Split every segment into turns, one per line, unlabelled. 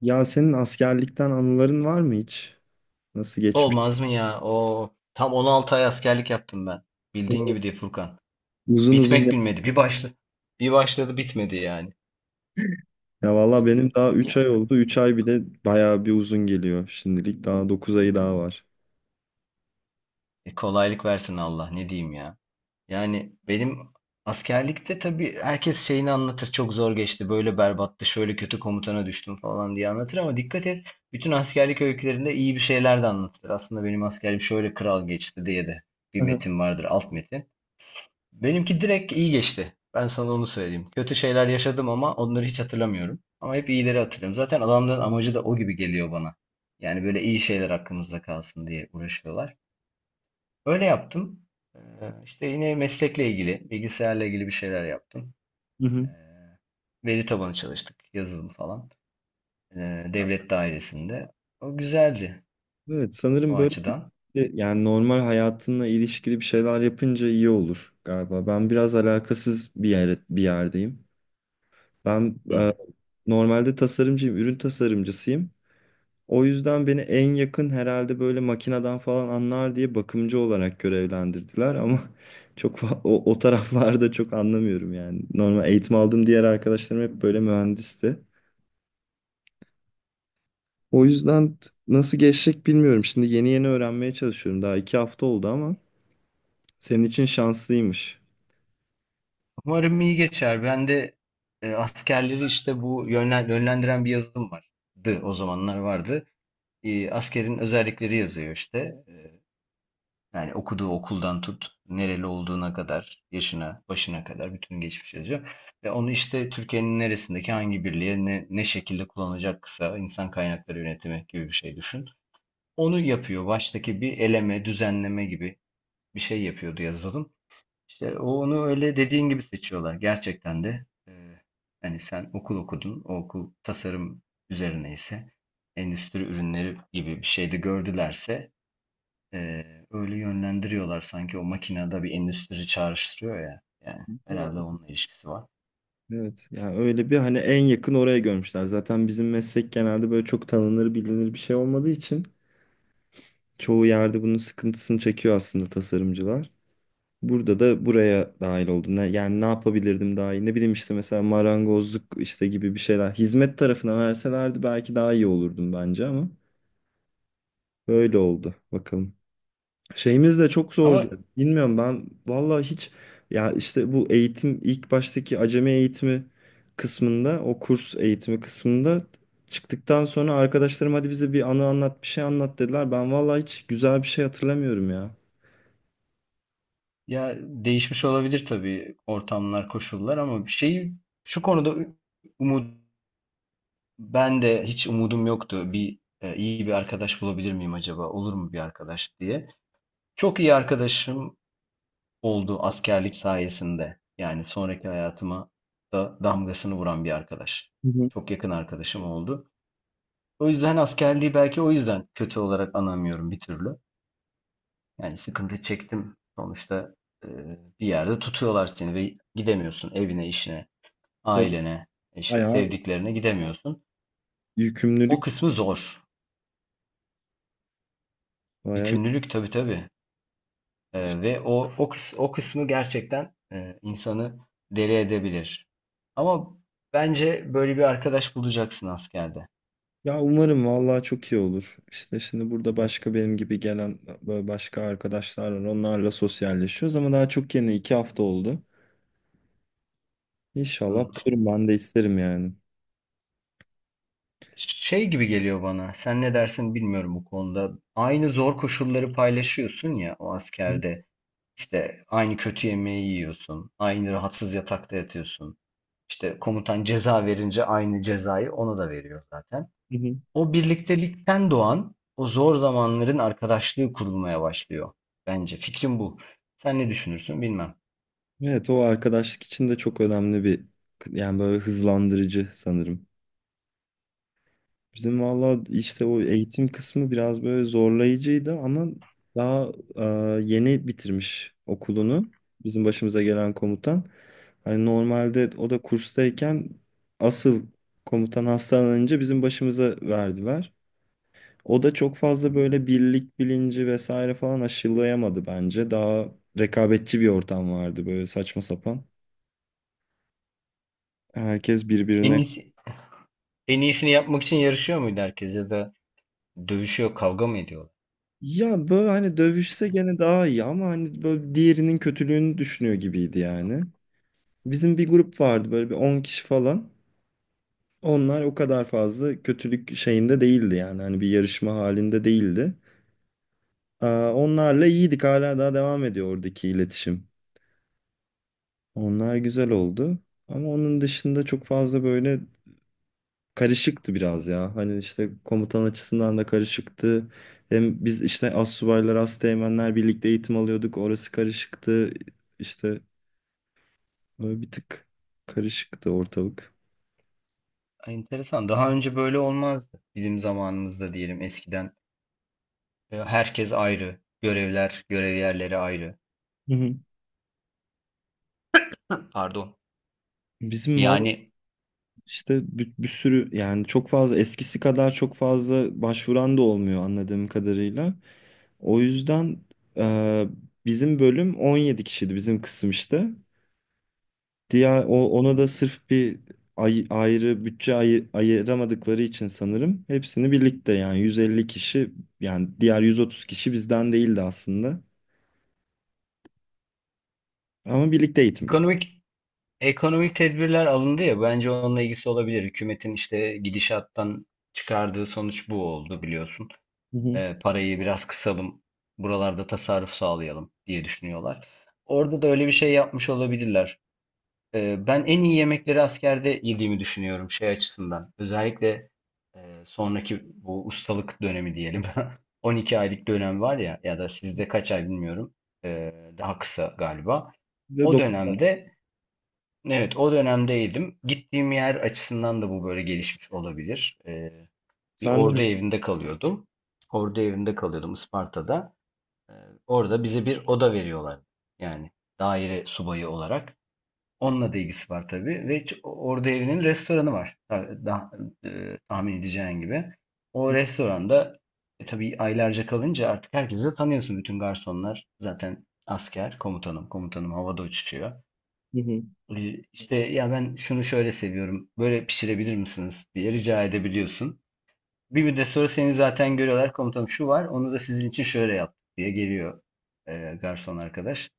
Ya senin askerlikten anıların var mı hiç? Nasıl geçmiş?
Olmaz mı ya? O tam 16 ay askerlik yaptım ben. Bildiğin gibi değil Furkan.
Uzun
Bitmek
uzun.
bilmedi. Bir başladı bitmedi yani.
Ya valla benim daha 3
Ya,
ay oldu. 3 ay bir de bayağı bir uzun geliyor şimdilik. Daha 9 ayı daha var.
kolaylık versin Allah ne diyeyim ya. Yani benim askerlikte tabii herkes şeyini anlatır. Çok zor geçti. Böyle berbattı. Şöyle kötü komutana düştüm falan diye anlatır ama dikkat et. Bütün askerlik öykülerinde iyi bir şeyler de anlatılır. Aslında benim askerliğim şöyle kral geçti diye de bir
Aha.
metin vardır. Alt metin. Benimki direkt iyi geçti. Ben sana onu söyleyeyim. Kötü şeyler yaşadım ama onları hiç hatırlamıyorum. Ama hep iyileri hatırlıyorum. Zaten adamların amacı da o gibi geliyor bana. Yani böyle iyi şeyler aklımızda kalsın diye uğraşıyorlar. Öyle yaptım. Ee, işte yine meslekle ilgili, bilgisayarla ilgili bir şeyler yaptım.
Hı
Ee,
hı.
veri tabanı çalıştık, yazılım falan. Devlet dairesinde. O güzeldi
Evet,
o
sanırım böyle
açıdan.
yani normal hayatınla ilişkili bir şeyler yapınca iyi olur galiba. Ben biraz alakasız bir yerdeyim. Ben
Hı.
normalde tasarımcıyım, ürün tasarımcısıyım. O yüzden beni en yakın herhalde böyle makineden falan anlar diye bakımcı olarak görevlendirdiler ama o taraflarda çok anlamıyorum yani. Normal eğitim aldığım diğer arkadaşlarım hep böyle mühendisti. O yüzden nasıl geçecek bilmiyorum. Şimdi yeni yeni öğrenmeye çalışıyorum. Daha 2 hafta oldu ama senin için şanslıymış.
Umarım iyi geçer. Ben de askerleri işte bu yönlendiren bir yazılım vardı. O zamanlar vardı. Askerin özellikleri yazıyor işte. E, yani okuduğu okuldan tut, nereli olduğuna kadar, yaşına, başına kadar bütün geçmiş yazıyor. Ve onu işte Türkiye'nin neresindeki hangi birliğe ne şekilde kullanacaksa insan kaynakları yönetimi gibi bir şey düşün. Onu yapıyor. Baştaki bir eleme, düzenleme gibi bir şey yapıyordu yazılım. İşte onu öyle dediğin gibi seçiyorlar gerçekten de. Hani sen okul okudun, o okul tasarım üzerine ise endüstri ürünleri gibi bir şeyde gördülerse öyle yönlendiriyorlar sanki o makinede bir endüstri çağrıştırıyor ya. Yani
Ya,
herhalde onunla
evet.
ilişkisi var.
Evet, yani öyle bir hani en yakın oraya görmüşler. Zaten bizim meslek genelde böyle çok tanınır bilinir bir şey olmadığı için çoğu yerde bunun sıkıntısını çekiyor aslında tasarımcılar. Burada da buraya dahil oldum. Yani ne yapabilirdim daha iyi? Ne bileyim işte mesela marangozluk işte gibi bir şeyler. Hizmet tarafına verselerdi belki daha iyi olurdum bence ama böyle oldu. Bakalım. Şeyimiz de çok
Ama
zordu. Bilmiyorum ben vallahi hiç. Ya işte bu eğitim ilk baştaki acemi eğitimi kısmında, o kurs eğitimi kısmında çıktıktan sonra arkadaşlarım hadi bize bir anı anlat bir şey anlat dediler. Ben vallahi hiç güzel bir şey hatırlamıyorum ya.
ya değişmiş olabilir tabii ortamlar, koşullar ama bir şey şu konuda umut ben de hiç umudum yoktu. Bir iyi bir arkadaş bulabilir miyim acaba? Olur mu bir arkadaş diye. Çok iyi arkadaşım oldu askerlik sayesinde. Yani sonraki hayatıma da damgasını vuran bir arkadaş.
Hı hı.
Çok yakın arkadaşım oldu. O yüzden askerliği belki o yüzden kötü olarak anamıyorum bir türlü. Yani sıkıntı çektim. Sonuçta e, bir yerde tutuyorlar seni ve gidemiyorsun evine, işine,
Tabii.
ailene, işte
Bayağı
sevdiklerine gidemiyorsun. O
yükümlülük,
kısmı zor.
bayağı.
Yükümlülük tabii tabii. Ve o kısmı gerçekten, insanı deli edebilir. Ama bence böyle bir arkadaş bulacaksın askerde.
Ya umarım vallahi çok iyi olur. İşte şimdi burada başka benim gibi gelen böyle başka arkadaşlar var. Onlarla sosyalleşiyoruz ama daha çok yeni 2 hafta oldu. İnşallah
Hımm.
bulurum, ben de isterim yani.
Şey gibi geliyor bana, sen ne dersin bilmiyorum bu konuda. Aynı zor koşulları paylaşıyorsun ya o
Hı
askerde. İşte aynı kötü yemeği yiyorsun, aynı rahatsız yatakta yatıyorsun. İşte komutan ceza verince aynı cezayı ona da veriyor zaten.
hı.
O birliktelikten doğan, o zor zamanların arkadaşlığı kurulmaya başlıyor. Bence fikrim bu. Sen ne düşünürsün bilmem.
Evet, o arkadaşlık için de çok önemli bir, yani böyle hızlandırıcı sanırım. Bizim valla işte o eğitim kısmı biraz böyle zorlayıcıydı ama daha e, yeni bitirmiş okulunu bizim başımıza gelen komutan. Hani normalde o da kurstayken asıl komutan hastalanınca bizim başımıza verdiler. O da çok fazla böyle birlik bilinci vesaire falan aşılayamadı bence. Daha rekabetçi bir ortam vardı, böyle saçma sapan. Herkes
En
birbirine.
iyisi, en iyisini yapmak için yarışıyor muydu herkes ya da dövüşüyor, kavga mı ediyorlar?
Ya böyle hani dövüşse gene daha iyi ama hani böyle diğerinin kötülüğünü düşünüyor gibiydi yani. Bizim bir grup vardı, böyle bir 10 kişi falan. Onlar o kadar fazla kötülük şeyinde değildi yani. Hani bir yarışma halinde değildi. Aa, onlarla iyiydik, hala daha devam ediyor oradaki iletişim. Onlar güzel oldu. Ama onun dışında çok fazla böyle karışıktı biraz ya. Hani işte komutan açısından da karışıktı. Hem biz işte astsubaylar, asteğmenler birlikte eğitim alıyorduk. Orası karışıktı. İşte böyle bir tık karışıktı ortalık.
Ay, enteresan. Daha önce böyle olmazdı. Bizim zamanımızda diyelim eskiden herkes ayrı, görevler, görev yerleri ayrı.
Hı hı.
Pardon.
Bizim valla
Yani
işte bir sürü yani çok fazla eskisi kadar çok fazla başvuran da olmuyor anladığım kadarıyla. O yüzden e, bizim bölüm 17 kişiydi, bizim kısım işte. Diğer ona da sırf bir ayrı bütçe ayıramadıkları için sanırım hepsini birlikte, yani 150 kişi, yani diğer 130 kişi bizden değildi aslında. Ama birlikte eğitim görüyor.
ekonomik ekonomik tedbirler alındı ya bence onunla ilgisi olabilir. Hükümetin işte gidişattan çıkardığı sonuç bu oldu biliyorsun.
Hı hı.
Parayı biraz kısalım, buralarda tasarruf sağlayalım diye düşünüyorlar. Orada da öyle bir şey yapmış olabilirler. Ben en iyi yemekleri askerde yediğimi düşünüyorum şey açısından. Özellikle sonraki bu ustalık dönemi diyelim. 12 aylık dönem var ya ya da sizde kaç ay bilmiyorum. E, daha kısa galiba.
Ve
O
dokuz.
dönemde evet o dönemdeydim. Gittiğim yer açısından da bu böyle gelişmiş olabilir. Bir
Sen
ordu
de.
evinde kalıyordum. Ordu evinde kalıyordum Isparta'da. Ee, Orada bize bir oda veriyorlar. Yani daire subayı olarak. Onunla da ilgisi var tabii. Ve orada evinin restoranı var. Tahmin edeceğin gibi. O restoranda tabii aylarca kalınca artık herkesi de tanıyorsun. Bütün garsonlar zaten asker, komutanım. Komutanım havada uçuşuyor.
Hı hı.
İşte ya ben şunu şöyle seviyorum. Böyle pişirebilir misiniz diye rica edebiliyorsun. Bir müddet sonra seni zaten görüyorlar komutanım şu var onu da sizin için şöyle yaptık diye geliyor garson arkadaş.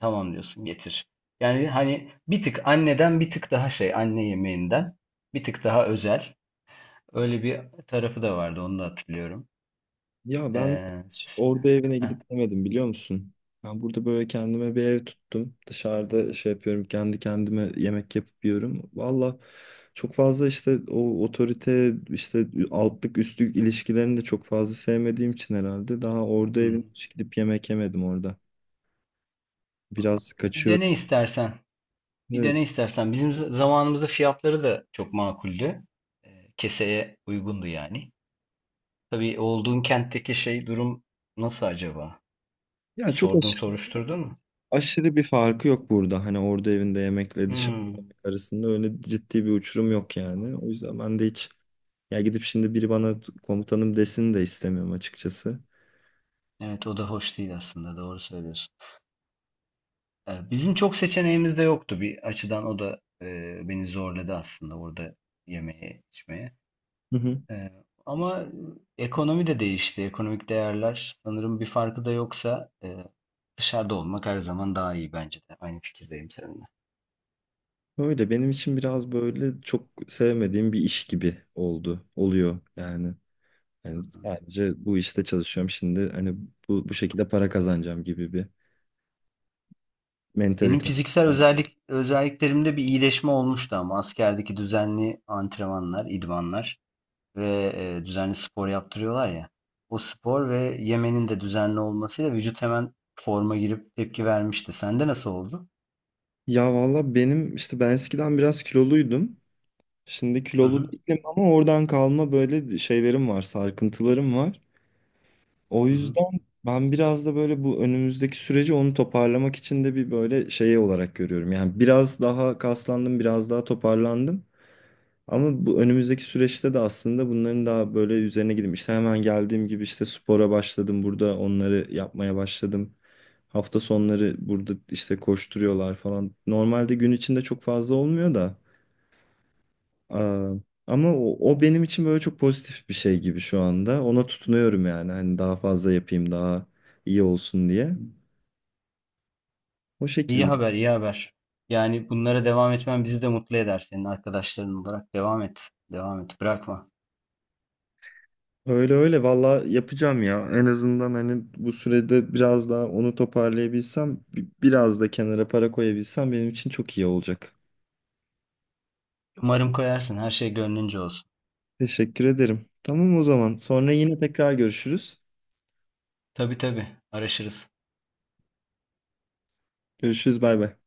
Tamam diyorsun getir. Yani hani bir tık anneden bir tık daha anne yemeğinden bir tık daha özel. Öyle bir tarafı da vardı onu da hatırlıyorum.
Ya ben.
E,
Orada evine
heh,
gidip demedim biliyor musun? Ben burada böyle kendime bir ev tuttum. Dışarıda şey yapıyorum, kendi kendime yemek yapıp yiyorum. Valla çok fazla işte o otorite işte altlık üstlük ilişkilerini de çok fazla sevmediğim için herhalde daha orada
hı.
evine hiç gidip yemek yemedim orada. Biraz
bir de
kaçıyorum.
ne istersen bir de ne
Evet.
istersen bizim zamanımızda fiyatları da çok makuldü. Keseye uygundu yani. Tabii olduğun kentteki şey durum nasıl acaba? Bir
Ya çok
sordun
aşırı,
soruşturdun mu?
aşırı bir farkı yok burada. Hani orada evinde yemekle dışarıda
Hmm.
yemek arasında öyle ciddi bir uçurum yok yani. O yüzden ben de hiç. Ya gidip şimdi biri bana komutanım desin de istemiyorum açıkçası.
Evet o da hoş değil aslında doğru söylüyorsun. Bizim çok seçeneğimiz de yoktu bir açıdan o da beni zorladı aslında orada yemeğe içmeye.
Hı hı.
Ee, Ama ekonomi de değişti. Ekonomik değerler sanırım bir farkı da yoksa dışarıda olmak her zaman daha iyi bence de. Aynı fikirdeyim seninle.
Öyle benim için biraz böyle çok sevmediğim bir iş gibi oldu. Oluyor yani. Yani sadece bu işte çalışıyorum şimdi. Hani bu şekilde para kazanacağım gibi bir
Benim
mentalite.
fiziksel özelliklerimde bir iyileşme olmuştu ama askerdeki düzenli antrenmanlar, idmanlar ve, düzenli spor yaptırıyorlar ya. O spor ve yemenin de düzenli olmasıyla vücut hemen forma girip tepki vermişti. Sende nasıl oldu?
Ya valla benim işte ben eskiden biraz kiloluydum. Şimdi
Hı
kilolu
hı,
değilim ama oradan kalma böyle şeylerim var, sarkıntılarım var. O
hı hı.
yüzden ben biraz da böyle bu önümüzdeki süreci onu toparlamak için de bir böyle şey olarak görüyorum. Yani biraz daha kaslandım, biraz daha toparlandım. Ama bu önümüzdeki süreçte de aslında bunların daha böyle üzerine gideyim. İşte hemen geldiğim gibi işte spora başladım. Burada onları yapmaya başladım. Hafta sonları burada işte koşturuyorlar falan. Normalde gün içinde çok fazla olmuyor da. Aa, ama o benim için böyle çok pozitif bir şey gibi şu anda. Ona tutunuyorum yani. Hani daha fazla yapayım, daha iyi olsun diye. O
İyi
şekilde.
haber, iyi haber. Yani bunlara devam etmen bizi de mutlu eder senin arkadaşların olarak. Devam et, devam et, bırakma.
Öyle öyle valla yapacağım ya. En azından hani bu sürede biraz daha onu toparlayabilsem, biraz da kenara para koyabilsem benim için çok iyi olacak.
Umarım koyarsın, her şey gönlünce olsun.
Teşekkür ederim. Tamam o zaman. Sonra yine tekrar görüşürüz.
Tabii tabii, araşırız.
Görüşürüz, bay bay.